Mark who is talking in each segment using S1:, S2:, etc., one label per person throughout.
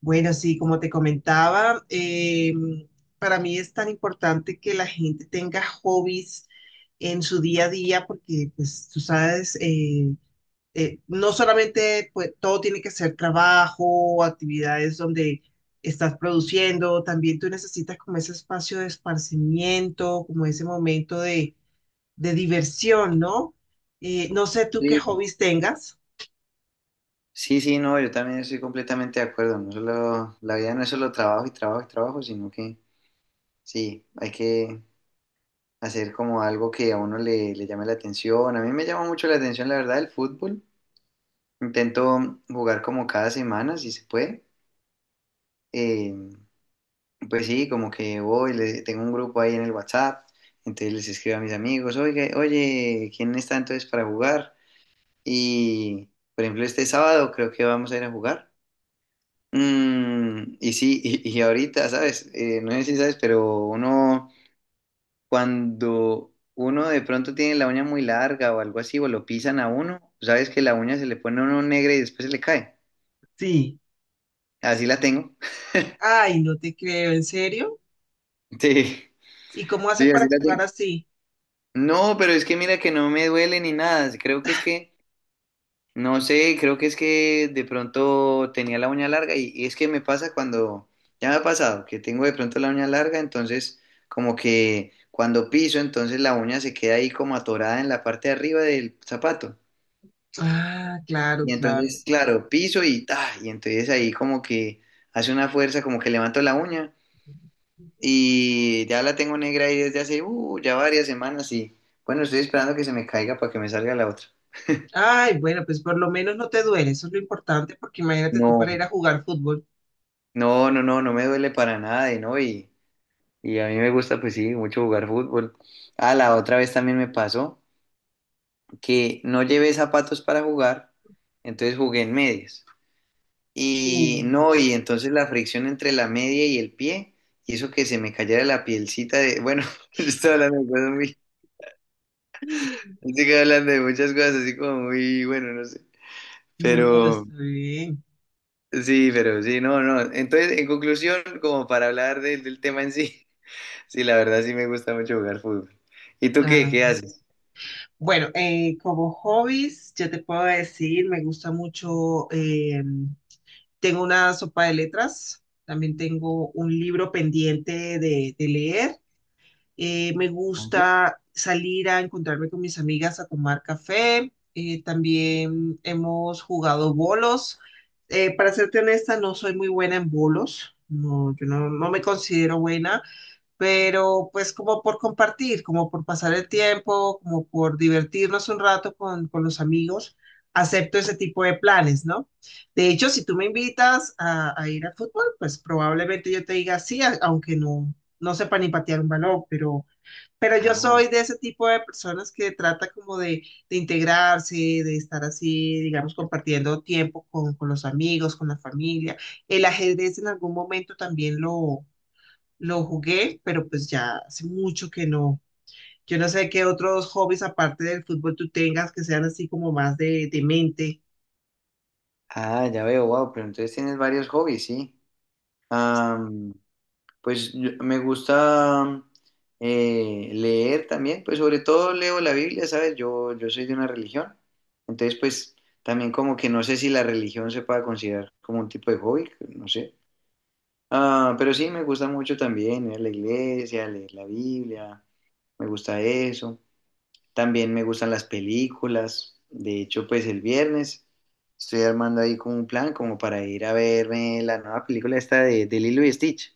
S1: Bueno, sí, como te comentaba, para mí es tan importante que la gente tenga hobbies en su día a día porque, pues, tú sabes, no solamente pues, todo tiene que ser trabajo, actividades donde estás produciendo, también tú necesitas como ese espacio de esparcimiento, como ese momento de diversión, ¿no? No sé tú qué
S2: Sí,
S1: hobbies tengas.
S2: sí, sí, no, yo también estoy completamente de acuerdo. No solo, la vida no es solo trabajo y trabajo y trabajo, sino que sí, hay que hacer como algo que a uno le llame la atención. A mí me llama mucho la atención, la verdad, el fútbol. Intento jugar como cada semana, si se puede. Eh, pues sí, como que voy, tengo un grupo ahí en el WhatsApp, entonces les escribo a mis amigos, oye, ¿quién está entonces para jugar? Y, por ejemplo, este sábado creo que vamos a ir a jugar. Mm, y sí, y ahorita, ¿sabes? No sé si sabes, pero uno, cuando uno de pronto tiene la uña muy larga o algo así, o lo pisan a uno, sabes que la uña se le pone a uno negra y después se le cae.
S1: Sí.
S2: Así la tengo.
S1: Ay, no te creo, ¿en serio?
S2: Sí,
S1: ¿Y cómo haces
S2: sí,
S1: para
S2: así la
S1: jugar
S2: tengo.
S1: así?
S2: No, pero es que mira que no me duele ni nada. Creo que es que… No sé, creo que es que de pronto tenía la uña larga y es que me pasa cuando, ya me ha pasado, que tengo de pronto la uña larga, entonces como que cuando piso, entonces la uña se queda ahí como atorada en la parte de arriba del zapato.
S1: Ah, claro,
S2: Y
S1: claro.
S2: entonces, claro, piso y ta, y entonces ahí como que hace una fuerza, como que levanto la uña y ya la tengo negra ahí desde hace ya varias semanas y bueno, estoy esperando que se me caiga para que me salga la otra.
S1: Ay, bueno, pues por lo menos no te duele, eso es lo importante, porque imagínate tú para ir
S2: No,
S1: a jugar fútbol.
S2: no, no, no, no me duele para nada y no, y… Y a mí me gusta, pues sí, mucho jugar fútbol. Ah, la otra vez también me pasó que no llevé zapatos para jugar, entonces jugué en medias. Y
S1: Uy,
S2: no, y entonces la fricción entre la media y el pie hizo que se me cayera la pielcita de, bueno, yo estoy hablando de cosas muy, estoy hablando de muchas cosas así como muy, bueno, no sé.
S1: no,
S2: Pero
S1: está bien.
S2: sí, pero sí, no, no. Entonces, en conclusión, como para hablar del tema en sí, sí, la verdad sí me gusta mucho jugar fútbol. ¿Y tú qué?
S1: Ah,
S2: ¿Qué haces?
S1: bueno, como hobbies, yo te puedo decir, me gusta mucho, tengo una sopa de letras, también tengo un libro pendiente de leer. Me gusta salir a encontrarme con mis amigas a tomar café. También hemos jugado bolos. Para serte honesta, no soy muy buena en bolos. No, yo no, no me considero buena, pero pues como por compartir, como por pasar el tiempo, como por divertirnos un rato con los amigos, acepto ese tipo de planes, ¿no? De hecho, si tú me invitas a ir al fútbol, pues probablemente yo te diga sí, aunque no, no sepa ni patear un balón, pero yo
S2: Ah,
S1: soy de ese tipo de personas que trata como de integrarse, de estar así, digamos, compartiendo tiempo con los amigos, con la familia. El ajedrez en algún momento también lo jugué, pero pues ya hace mucho que no. Yo no sé qué otros hobbies aparte del fútbol tú tengas que sean así como más de mente.
S2: ah, ya veo, wow, pero entonces tienes varios hobbies, sí. Am, pues me gusta leer también, pues sobre todo leo la Biblia, ¿sabes? Yo soy de una religión, entonces pues también como que no sé si la religión se pueda considerar como un tipo de hobby, no sé. Ah, pero sí, me gusta mucho también ir a la iglesia, leer la Biblia, me gusta eso. También me gustan las películas. De hecho, pues el viernes estoy armando ahí como un plan como para ir a verme la nueva película esta de Lilo y Stitch.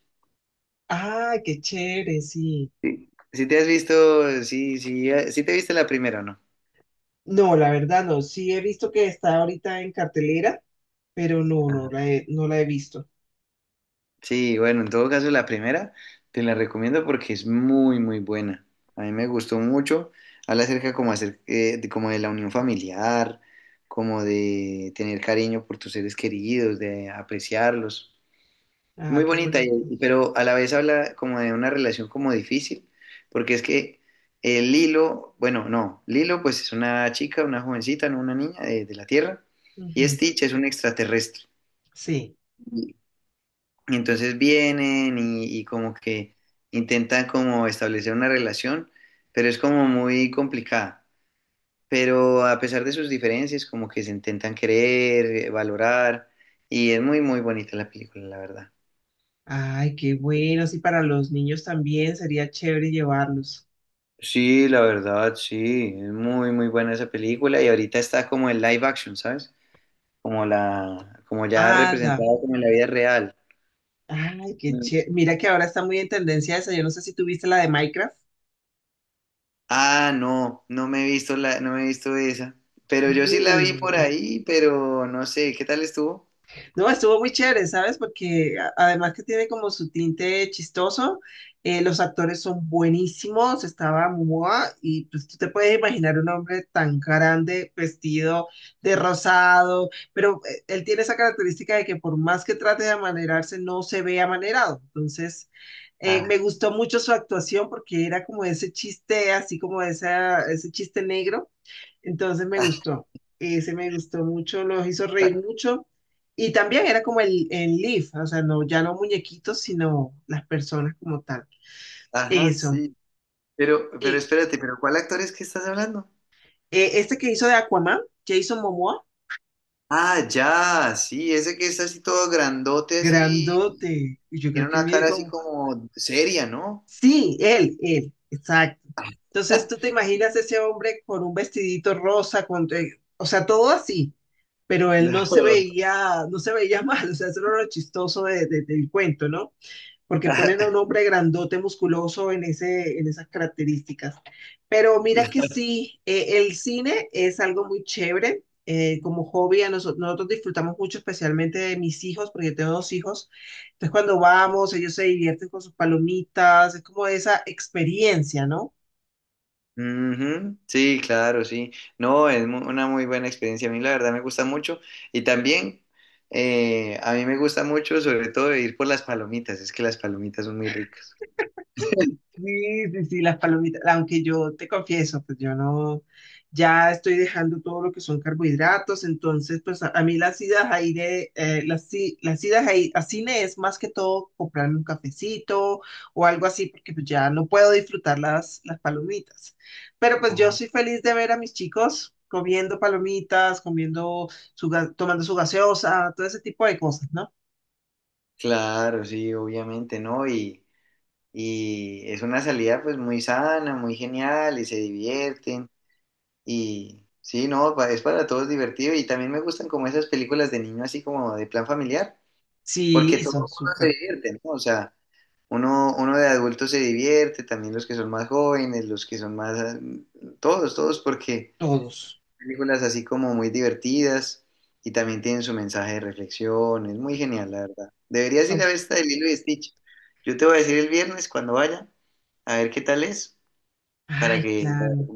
S1: Ah, qué chévere, sí.
S2: Sí. Si te has visto, sí, sí, sí te viste la primera o no.
S1: No, la verdad no. Sí he visto que está ahorita en cartelera, pero no,
S2: Ajá.
S1: no la he visto.
S2: Sí, bueno, en todo caso la primera te la recomiendo porque es muy, muy buena. A mí me gustó mucho. Habla acerca como, de, como de la unión familiar, como de tener cariño por tus seres queridos, de apreciarlos.
S1: Ah,
S2: Muy
S1: qué
S2: bonita,
S1: bonito.
S2: y… pero a la vez habla como de una relación como difícil, porque es que Lilo, bueno, no, Lilo pues es una chica, una jovencita, no una niña de la Tierra, y
S1: Ujú.
S2: Stitch es un extraterrestre.
S1: Sí.
S2: Y, y entonces vienen y como que intentan como establecer una relación, pero es como muy complicada. Pero a pesar de sus diferencias, como que se intentan querer, valorar, y es muy, muy bonita la película, la verdad.
S1: Ay, qué bueno. Sí, para los niños también sería chévere llevarlos.
S2: Sí, la verdad, sí, es muy, muy buena esa película y ahorita está como en live action, ¿sabes? Como la, como ya
S1: ¡Hala!
S2: representada como en la vida real.
S1: Ay, qué
S2: Mm.
S1: chévere. Mira que ahora está muy en tendencia esa. Yo no sé si tuviste la de Minecraft.
S2: Ah, no, no me he visto la, no me he visto esa, pero yo sí la
S1: Muy
S2: vi por
S1: buena.
S2: ahí, pero no sé, ¿qué tal estuvo?
S1: No, estuvo muy chévere, ¿sabes? Porque además que tiene como su tinte chistoso, los actores son buenísimos, estaba Momoa y pues tú te puedes imaginar un hombre tan grande, vestido de rosado, pero él tiene esa característica de que por más que trate de amanerarse, no se ve amanerado. Entonces,
S2: Ah,
S1: me gustó mucho su actuación porque era como ese chiste, así como esa, ese chiste negro, entonces me gustó, ese me gustó mucho, los hizo reír mucho. Y también era como el Leaf, o sea, no, ya no muñequitos, sino las personas como tal.
S2: ajá,
S1: Eso.
S2: sí, pero
S1: Y
S2: espérate, pero ¿cuál actor es que estás hablando?
S1: este que hizo de Aquaman, Jason Momoa,
S2: Ah, ya, sí, ese que está así todo grandote, así,
S1: grandote. Y yo
S2: tiene
S1: creo que
S2: una
S1: mide
S2: cara así
S1: como.
S2: como seria, ¿no?
S1: Sí, él, exacto. Entonces tú te imaginas ese hombre con un vestidito rosa, con, o sea, todo así, pero él no se
S2: No.
S1: veía, no se veía mal, o sea, eso era lo chistoso del cuento, ¿no? Porque ponen a un hombre grandote, musculoso en ese, en esas características. Pero mira que sí, el cine es algo muy chévere. Como hobby, a nosotros disfrutamos mucho, especialmente de mis hijos, porque yo tengo dos hijos. Entonces, cuando vamos, ellos se divierten con sus palomitas, es como esa experiencia, ¿no?
S2: Ujú. Sí, claro, sí. No, es una muy buena experiencia. A mí la verdad me gusta mucho. Y también a mí me gusta mucho sobre todo ir por las palomitas. Es que las palomitas son muy ricas.
S1: Sí, sí, sí, las palomitas, aunque yo te confieso, pues yo no, ya estoy dejando todo lo que son carbohidratos, entonces pues a mí las idas a ir aire, las idas a cine es más que todo comprarme un cafecito o algo así, porque pues ya no puedo disfrutar las palomitas. Pero pues yo
S2: Ah,
S1: soy feliz de ver a mis chicos comiendo palomitas, comiendo tomando su gaseosa, todo ese tipo de cosas, ¿no?
S2: claro, sí, obviamente, ¿no? Y es una salida pues muy sana, muy genial y se divierten. Y sí, no, es para todos divertido. Y también me gustan como esas películas de niño así como de plan familiar, porque
S1: Sí,
S2: todo el
S1: son
S2: mundo se
S1: súper,
S2: divierte, ¿no? O sea… Uno de adultos se divierte, también los que son más jóvenes, los que son más, ah, todos, todos, porque
S1: todos,
S2: películas así como muy divertidas y también tienen su mensaje de reflexión, es muy genial, la verdad. Deberías ir a
S1: son,
S2: ver esta de Lilo y Stitch. Yo te voy a decir el viernes cuando vaya, a ver qué tal es, para
S1: ay,
S2: que…
S1: claro.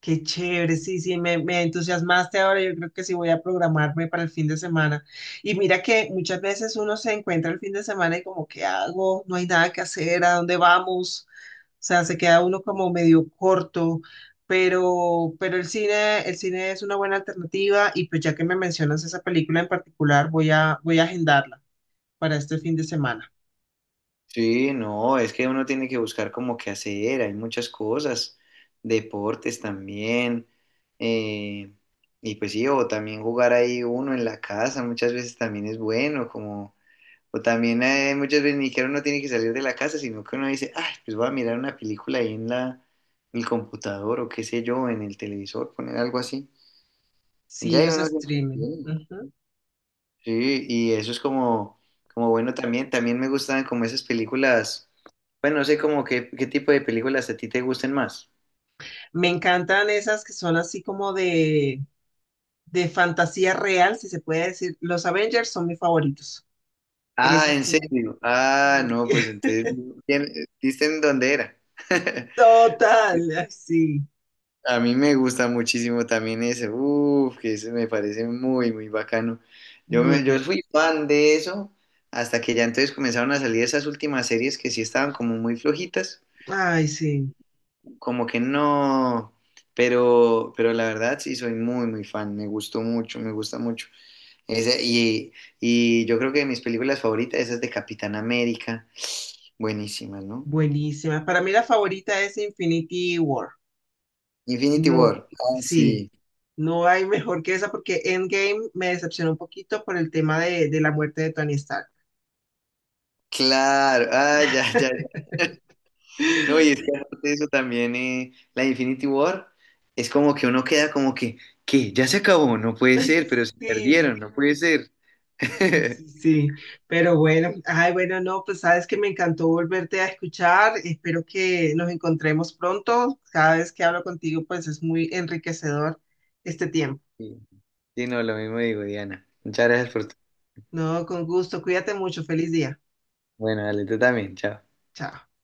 S1: Qué chévere, sí, sí, me entusiasmaste ahora. Yo creo que sí voy a programarme para el fin de semana. Y mira que muchas veces uno se encuentra el fin de semana y como, ¿qué hago? No hay nada que hacer, ¿a dónde vamos? O sea, se queda uno como medio corto, pero el cine es una buena alternativa y pues ya que me mencionas esa película en particular, voy a agendarla para este fin de semana.
S2: Sí, no, es que uno tiene que buscar como qué hacer, hay muchas cosas, deportes también, eh, y pues sí, o también jugar ahí uno en la casa, muchas veces también es bueno, como, o también muchas veces ni que uno tiene que salir de la casa, sino que uno dice, ay, pues voy a mirar una película ahí en la, en el computador o qué sé yo, en el televisor, poner algo así. Ya
S1: Sí,
S2: hay
S1: los
S2: uno…
S1: streaming. Ujú.
S2: Sí, y eso es como, como bueno también. También me gustan como esas películas. Bueno, no sé como qué, qué tipo de películas a ti te gusten más.
S1: Me encantan esas que son así como de fantasía real, si se puede decir. Los Avengers son mis favoritos.
S2: Ah,
S1: Esas
S2: ¿en
S1: películas.
S2: serio? Ah,
S1: Y-
S2: no, pues entonces, ¿quién… ¿viste en dónde era?
S1: total, ay, sí,
S2: A mí me gusta muchísimo también ese. Uf, que ese me parece muy, muy bacano. Yo,
S1: muy
S2: me, yo
S1: bueno.
S2: fui fan de eso hasta que ya entonces comenzaron a salir esas últimas series que sí estaban como muy flojitas.
S1: Ay, sí,
S2: Como que no, pero la verdad sí soy muy, muy fan, me gustó mucho, me gusta mucho. Ese… y yo creo que de mis películas favoritas, esas de Capitán América, buenísimas, ¿no?
S1: buenísima. Para mí la favorita es Infinity War.
S2: Infinity
S1: No,
S2: War, ah,
S1: sí,
S2: sí,
S1: no hay mejor que esa porque Endgame me decepcionó un poquito por el tema de la muerte de Tony Stark.
S2: claro, ah, ya, ya, ya. No, y es que aparte de eso también, la Infinity War, es como que uno queda como que, ¿qué? Ya se acabó, no puede
S1: Ay,
S2: ser, pero se
S1: sí.
S2: perdieron, no puede ser.
S1: Sí, sí, sí. Pero bueno, ay, bueno, no, pues sabes que me encantó volverte a escuchar. Espero que nos encontremos pronto. Cada vez que hablo contigo, pues es muy enriquecedor este tiempo.
S2: Sí, sí, no, lo mismo digo, Diana. Muchas gracias por tu…
S1: No, con gusto. Cuídate mucho. Feliz día.
S2: Bueno, dale, tú también, chao.
S1: Chao.